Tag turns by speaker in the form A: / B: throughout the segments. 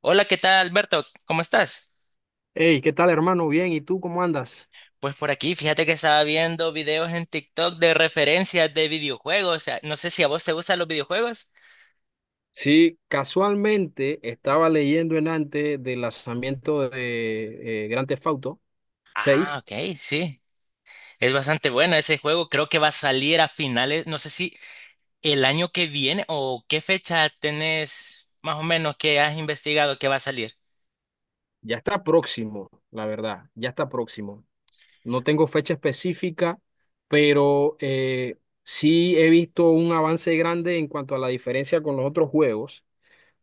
A: Hola, ¿qué tal, Alberto? ¿Cómo estás?
B: Hey, ¿qué tal, hermano? Bien, ¿y tú cómo andas?
A: Pues por aquí, fíjate que estaba viendo videos en TikTok de referencias de videojuegos. O sea, no sé si a vos te gustan los videojuegos.
B: Sí, casualmente estaba leyendo en antes del lanzamiento de Grand Theft Auto
A: Ah,
B: 6.
A: ok, sí. Es bastante bueno ese juego. Creo que va a salir a finales, no sé si el año que viene o qué fecha tenés más o menos que has investigado que va a salir.
B: Ya está próximo, la verdad, ya está próximo. No tengo fecha específica, pero sí he visto un avance grande en cuanto a la diferencia con los otros juegos,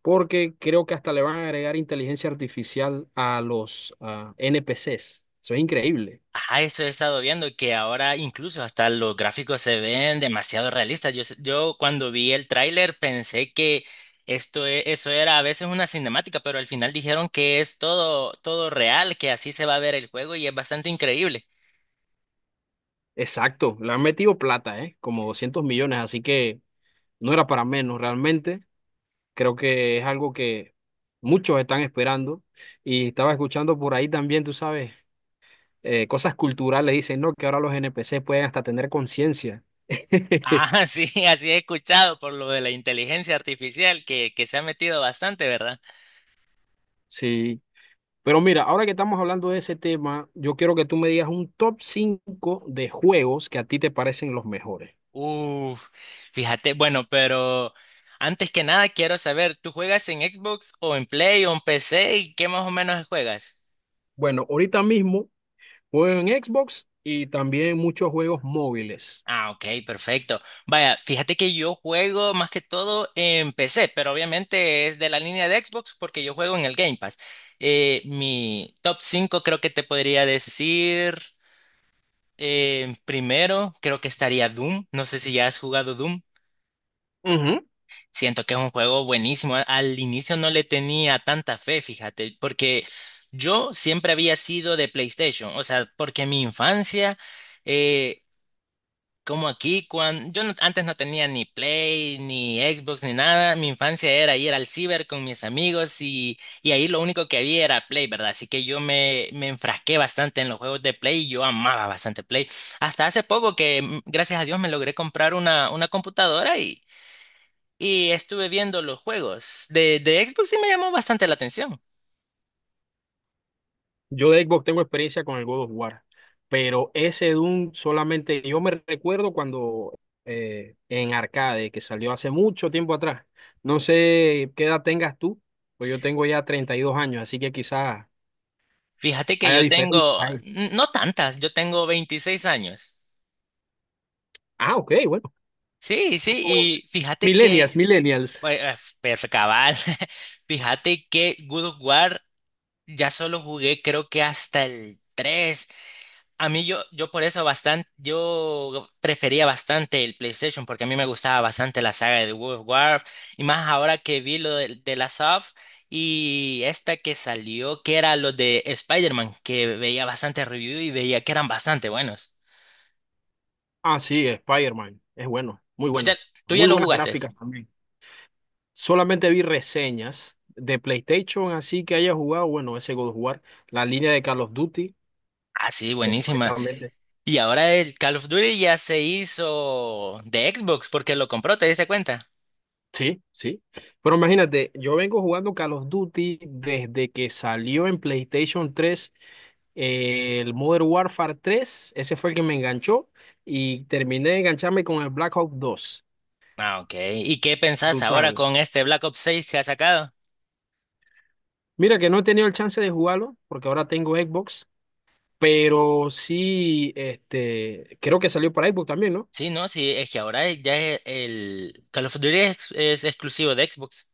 B: porque creo que hasta le van a agregar inteligencia artificial a los NPCs. Eso es increíble.
A: Ajá, eso he estado viendo, que ahora incluso hasta los gráficos se ven demasiado realistas. Yo, yo cuando vi el tráiler pensé que esto, eso era a veces una cinemática, pero al final dijeron que es todo real, que así se va a ver el juego y es bastante increíble.
B: Exacto, le han metido plata, ¿eh? Como 200 millones, así que no era para menos realmente. Creo que es algo que muchos están esperando. Y estaba escuchando por ahí también, tú sabes, cosas culturales. Dicen, no, que ahora los NPC pueden hasta tener conciencia.
A: Ah, sí, así he escuchado por lo de la inteligencia artificial que se ha metido bastante, ¿verdad?
B: Sí, pero mira, ahora que estamos hablando de ese tema, yo quiero que tú me digas un top 5 de juegos que a ti te parecen los mejores.
A: Uf, fíjate, bueno, pero antes que nada quiero saber, ¿tú juegas en Xbox o en Play o en PC y qué más o menos juegas?
B: Bueno, ahorita mismo juego en Xbox y también muchos juegos móviles.
A: Ah, ok, perfecto. Vaya, fíjate que yo juego más que todo en PC, pero obviamente es de la línea de Xbox porque yo juego en el Game Pass. Mi top 5, creo que te podría decir, primero creo que estaría Doom. No sé si ya has jugado Doom.
B: Ujú.
A: Siento que es un juego buenísimo. Al inicio no le tenía tanta fe, fíjate, porque yo siempre había sido de PlayStation, o sea, porque mi infancia... eh, Como aquí, cuando yo antes no tenía ni Play, ni Xbox, ni nada. Mi infancia era ir al ciber con mis amigos y ahí lo único que había era Play, ¿verdad? Así que me enfrasqué bastante en los juegos de Play y yo amaba bastante Play. Hasta hace poco que, gracias a Dios, me logré comprar una computadora y estuve viendo los juegos de Xbox y me llamó bastante la atención.
B: Yo de Xbox tengo experiencia con el God of War, pero ese Doom solamente yo me recuerdo cuando en arcade, que salió hace mucho tiempo atrás. No sé qué edad tengas tú, pues yo tengo ya 32 años, así que quizás
A: Fíjate que
B: haya
A: yo
B: diferencia
A: tengo,
B: ahí.
A: no tantas, yo tengo 26 años.
B: Ah, ok, bueno.
A: Sí,
B: Somos
A: sí, y fíjate que
B: Millennials, millennials.
A: pues, perfecto, cabal. Fíjate que Good of War ya solo jugué creo que hasta el tres. A mí yo por eso bastante, yo prefería bastante el PlayStation porque a mí me gustaba bastante la saga de God of War y más ahora que vi lo de la Soft y esta que salió que era lo de Spider-Man que veía bastante review y veía que eran bastante buenos.
B: Ah, sí, Spider-Man. Es bueno, muy
A: Vos ya-
B: bueno.
A: ¿Tú ya
B: Muy
A: lo
B: buenas
A: jugaste?
B: gráficas también. Solamente vi reseñas de PlayStation, así que haya jugado, bueno, ese God of War, la línea de Call of Duty.
A: Ah, sí, buenísima.
B: Completamente.
A: Y ahora el Call of Duty ya se hizo de Xbox porque lo compró, ¿te diste cuenta?
B: Sí, sí. Pero imagínate, yo vengo jugando Call of Duty desde que salió en PlayStation 3 el Modern Warfare 3. Ese fue el que me enganchó y terminé de engancharme con el Black Ops 2.
A: Ah, ok. ¿Y qué pensás ahora
B: Brutal.
A: con este Black Ops 6 que ha sacado?
B: Mira que no he tenido el chance de jugarlo porque ahora tengo Xbox, pero sí, este, creo que salió para Xbox también, ¿no?
A: Sí, no, sí, es que ahora ya el Call of Duty es exclusivo de Xbox.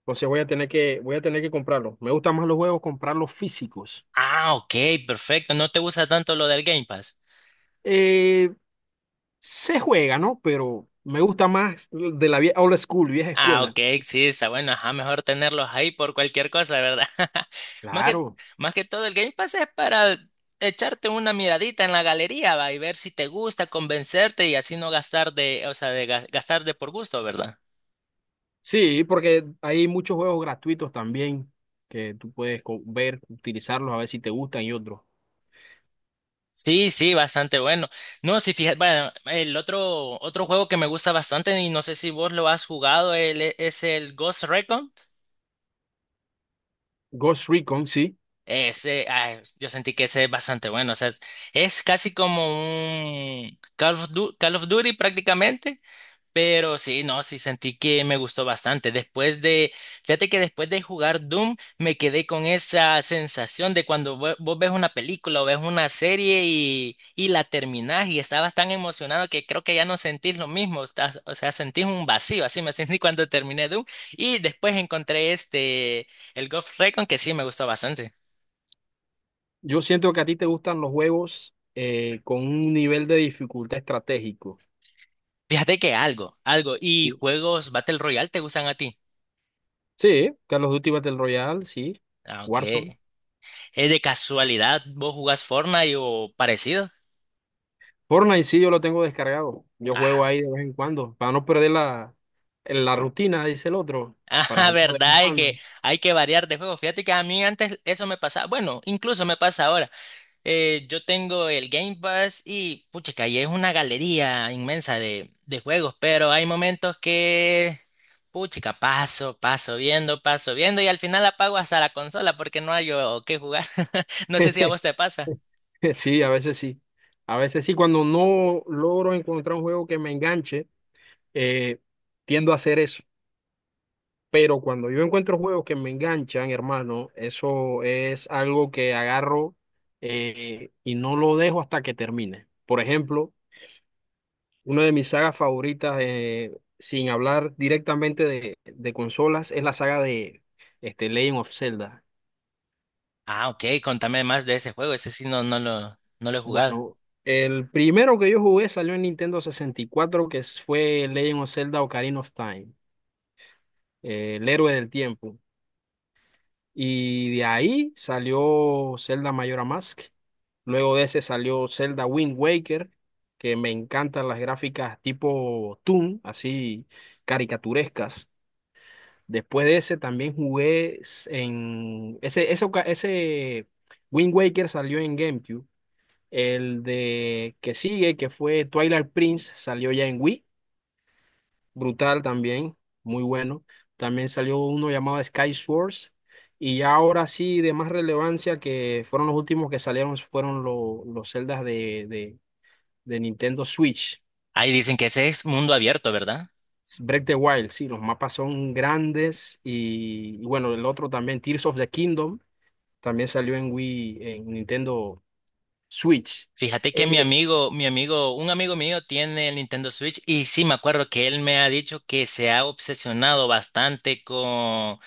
B: Entonces voy a tener que comprarlo. Me gustan más los juegos comprarlos físicos.
A: Ah, ok, perfecto. No te gusta tanto lo del Game Pass.
B: Eh, Se juega, ¿no? Pero me gusta más old school, vieja
A: Ah,
B: escuela.
A: ok, sí, está bueno, ajá, mejor tenerlos ahí por cualquier cosa, ¿verdad? Más
B: Claro.
A: más que todo, el Game Pass es para echarte una miradita en la galería, va, y ver si te gusta, convencerte y así no gastar de, o sea, de gastar de por gusto, ¿verdad?
B: Sí, porque hay muchos juegos gratuitos también que ver, utilizarlos, a ver si te gustan y otros.
A: Sí, sí, bastante bueno. No, si fijas, bueno, otro juego que me gusta bastante y no sé si vos lo has jugado, es el Ghost Recon.
B: Ghost Recon, sí.
A: Ese, ah, yo sentí que ese es bastante bueno. O sea, es casi como un Call of Duty prácticamente. Pero sí, no, sí sentí que me gustó bastante. Fíjate que después de jugar Doom, me quedé con esa sensación de cuando vos ves una película o ves una serie y la terminás y estabas tan emocionado que creo que ya no sentís lo mismo. O sea, sentís un vacío. Así me sentí cuando terminé Doom. Y después encontré este, el Ghost Recon, que sí me gustó bastante.
B: Yo siento que a ti te gustan los juegos con un nivel de dificultad estratégico.
A: Fíjate que algo, algo. ¿Y
B: Sí,
A: juegos Battle Royale te gustan a ti?
B: Sí, Call of Duty Battle Royale, sí.
A: Ah,
B: Warzone.
A: ok. ¿Es de casualidad vos jugás Fortnite o parecido?
B: Fortnite, sí, yo lo tengo descargado. Yo juego
A: Ah,
B: ahí de vez en cuando, para no perder la, la rutina, dice el otro, para
A: ah,
B: jugar de vez en
A: verdad, es que
B: cuando.
A: hay que variar de juego. Fíjate que a mí antes eso me pasaba. Bueno, incluso me pasa ahora. Yo tengo el Game Pass y, pucha, y es una galería inmensa de juegos, pero hay momentos que, pucha, paso viendo y al final apago hasta la consola porque no hay o qué jugar. No sé si a vos te pasa.
B: Sí, a veces sí. A veces sí, cuando no logro encontrar un juego que me enganche, eh, tiendo a hacer eso. Pero cuando yo encuentro juegos que me enganchan, hermano, eso es algo que agarro, y no lo dejo hasta que termine. Por ejemplo, una de mis sagas favoritas, sin hablar directamente de consolas, es la saga de este, Legend of Zelda.
A: Ah, ok, contame más de ese juego, ese sí no lo he jugado.
B: Bueno, el primero que yo jugué salió en Nintendo 64 fue Legend of Zelda Ocarina of Time, el héroe del tiempo. Y de ahí salió Zelda Majora Mask. Luego de ese salió Zelda Wind Waker, que me encantan las gráficas tipo Toon, así caricaturescas. Después de ese también jugué s- en... Ese, oca- ese Wind Waker salió en GameCube. El de que sigue, que fue Twilight Prince, salió ya en Wii, brutal también, muy bueno. También salió uno llamado Sky Swords. Y ya ahora sí, de más relevancia, que fueron los últimos que salieron, fueron los celdas de Nintendo Switch.
A: Ahí dicen que ese es mundo abierto, ¿verdad?
B: Break the Wild, sí, los mapas son grandes. Y bueno, el otro también, Tears of the Kingdom, también salió en Wii, en Nintendo Switch.
A: Fíjate que un amigo mío tiene el Nintendo Switch y sí me acuerdo que él me ha dicho que se ha obsesionado bastante con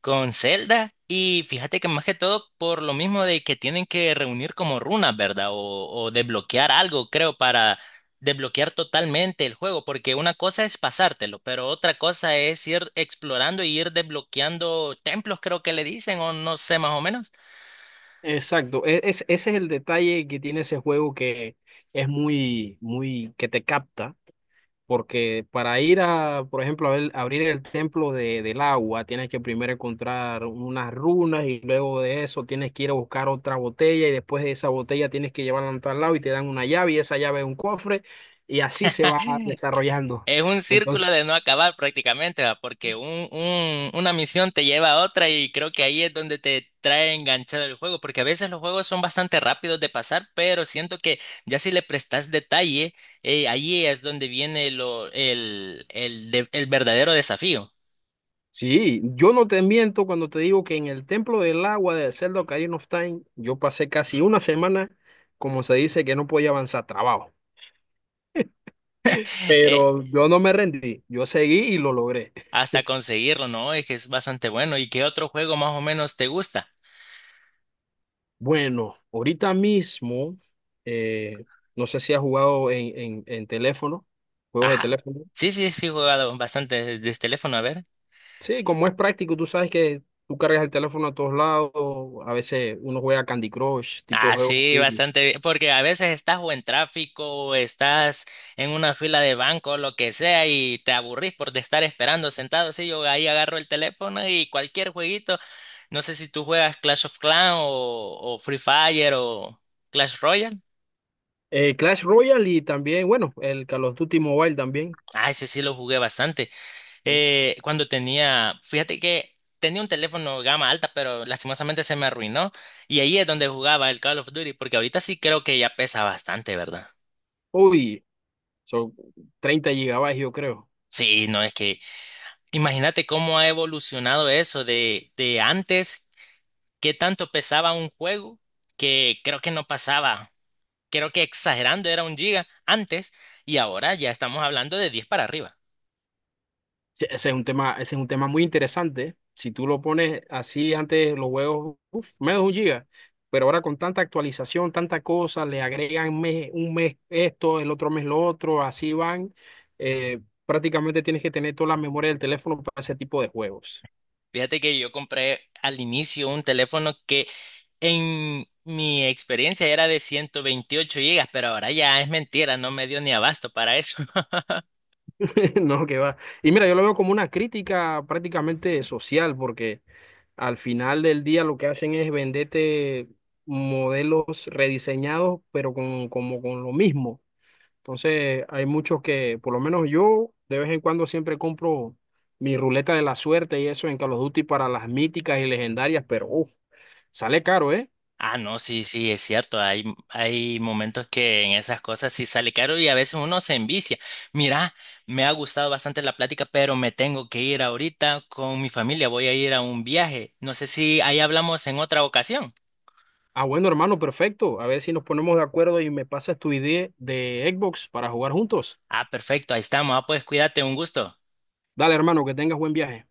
A: Con Zelda y fíjate que más que todo por lo mismo de que tienen que reunir como runas, ¿verdad? O desbloquear algo, creo, para desbloquear totalmente el juego, porque una cosa es pasártelo, pero otra cosa es ir explorando y ir desbloqueando templos, creo que le dicen, o no sé más o menos.
B: Exacto, es, ese es el detalle que tiene ese juego que es muy, muy, que te capta, porque para ir a, por ejemplo, abrir el templo del agua, tienes que primero encontrar unas runas y luego de eso tienes que ir a buscar otra botella y después de esa botella tienes que llevarla a tal lado y te dan una llave y esa llave es un cofre y así se va desarrollando.
A: Es un círculo de no acabar prácticamente, ¿va? Porque una misión te lleva a otra y creo que ahí es donde te trae enganchado el juego, porque a veces los juegos son bastante rápidos de pasar, pero siento que ya si le prestas detalle, ahí es donde viene lo, el, de- el verdadero desafío.
B: Sí, yo no te miento cuando te digo que en el Templo del Agua de Zelda Ocarina of Time, yo pasé casi una semana, como se dice, que no podía avanzar trabajo.
A: eh,
B: Pero yo no me rendí, yo seguí y lo logré.
A: hasta conseguirlo, ¿no? Es que es bastante bueno. ¿Y qué otro juego más o menos te gusta?
B: Bueno, ahorita mismo, eh, no sé si has jugado en teléfono, juegos de
A: Ajá.
B: teléfono.
A: Sí, sí, sí, he jugado bastante desde el teléfono, a ver.
B: Sí, como es práctico, tú sabes que tú cargas el teléfono a todos lados, a veces uno juega Candy Crush, tipo de
A: Ah,
B: juegos
A: sí,
B: así.
A: bastante bien, porque a veces estás o en tráfico o estás en una fila de banco, lo que sea, y te aburrís por de estar esperando sentado. Sí, yo ahí agarro el teléfono y cualquier jueguito, no sé si tú juegas Clash of Clans o Free Fire o Clash Royale.
B: Clash Royale y también, bueno, el Call of Duty Mobile también.
A: Ah, ese sí lo jugué bastante. Cuando tenía, fíjate que tenía un teléfono gama alta, pero lastimosamente se me arruinó y ahí es donde jugaba el Call of Duty, porque ahorita sí creo que ya pesa bastante, ¿verdad?
B: Uy, son 30 gigabytes, yo creo.
A: Sí, no es que imagínate cómo ha evolucionado eso de antes, qué tanto pesaba un juego que creo que no pasaba, creo que exagerando era un giga antes y ahora ya estamos hablando de 10 para arriba.
B: Sí, ese es un tema, ese es un tema muy interesante. Si tú lo pones así, antes los juegos, uf, menos de un giga. Pero ahora con tanta actualización, tanta cosa, le agregan un mes esto, el otro mes lo otro, así van. Eh, prácticamente tienes que tener toda la memoria del teléfono para ese tipo de juegos.
A: Fíjate que yo compré al inicio un teléfono que en mi experiencia era de 128 gigas, pero ahora ya es mentira, no me dio ni abasto para eso.
B: No, que va. Y mira, yo lo veo como una crítica prácticamente social, porque al final del día lo que hacen es venderte modelos rediseñados, pero con, como con lo mismo. Entonces, hay muchos que, por lo menos yo, de vez en cuando siempre compro mi ruleta de la suerte y eso en Call of Duty para las míticas y legendarias, pero uf, sale caro, ¿eh?
A: Ah, no, sí, sí, es cierto. Hay momentos que en esas cosas sí sale caro y a veces uno se envicia. Mira, me ha gustado bastante la plática, pero me tengo que ir ahorita con mi familia. Voy a ir a un viaje. No sé si ahí hablamos en otra ocasión.
B: Ah, bueno, hermano, perfecto. A ver si nos ponemos de acuerdo y me pasas tu idea de Xbox para jugar juntos.
A: Ah, perfecto, ahí estamos. Ah, pues cuídate, un gusto.
B: Dale, hermano, que tengas buen viaje.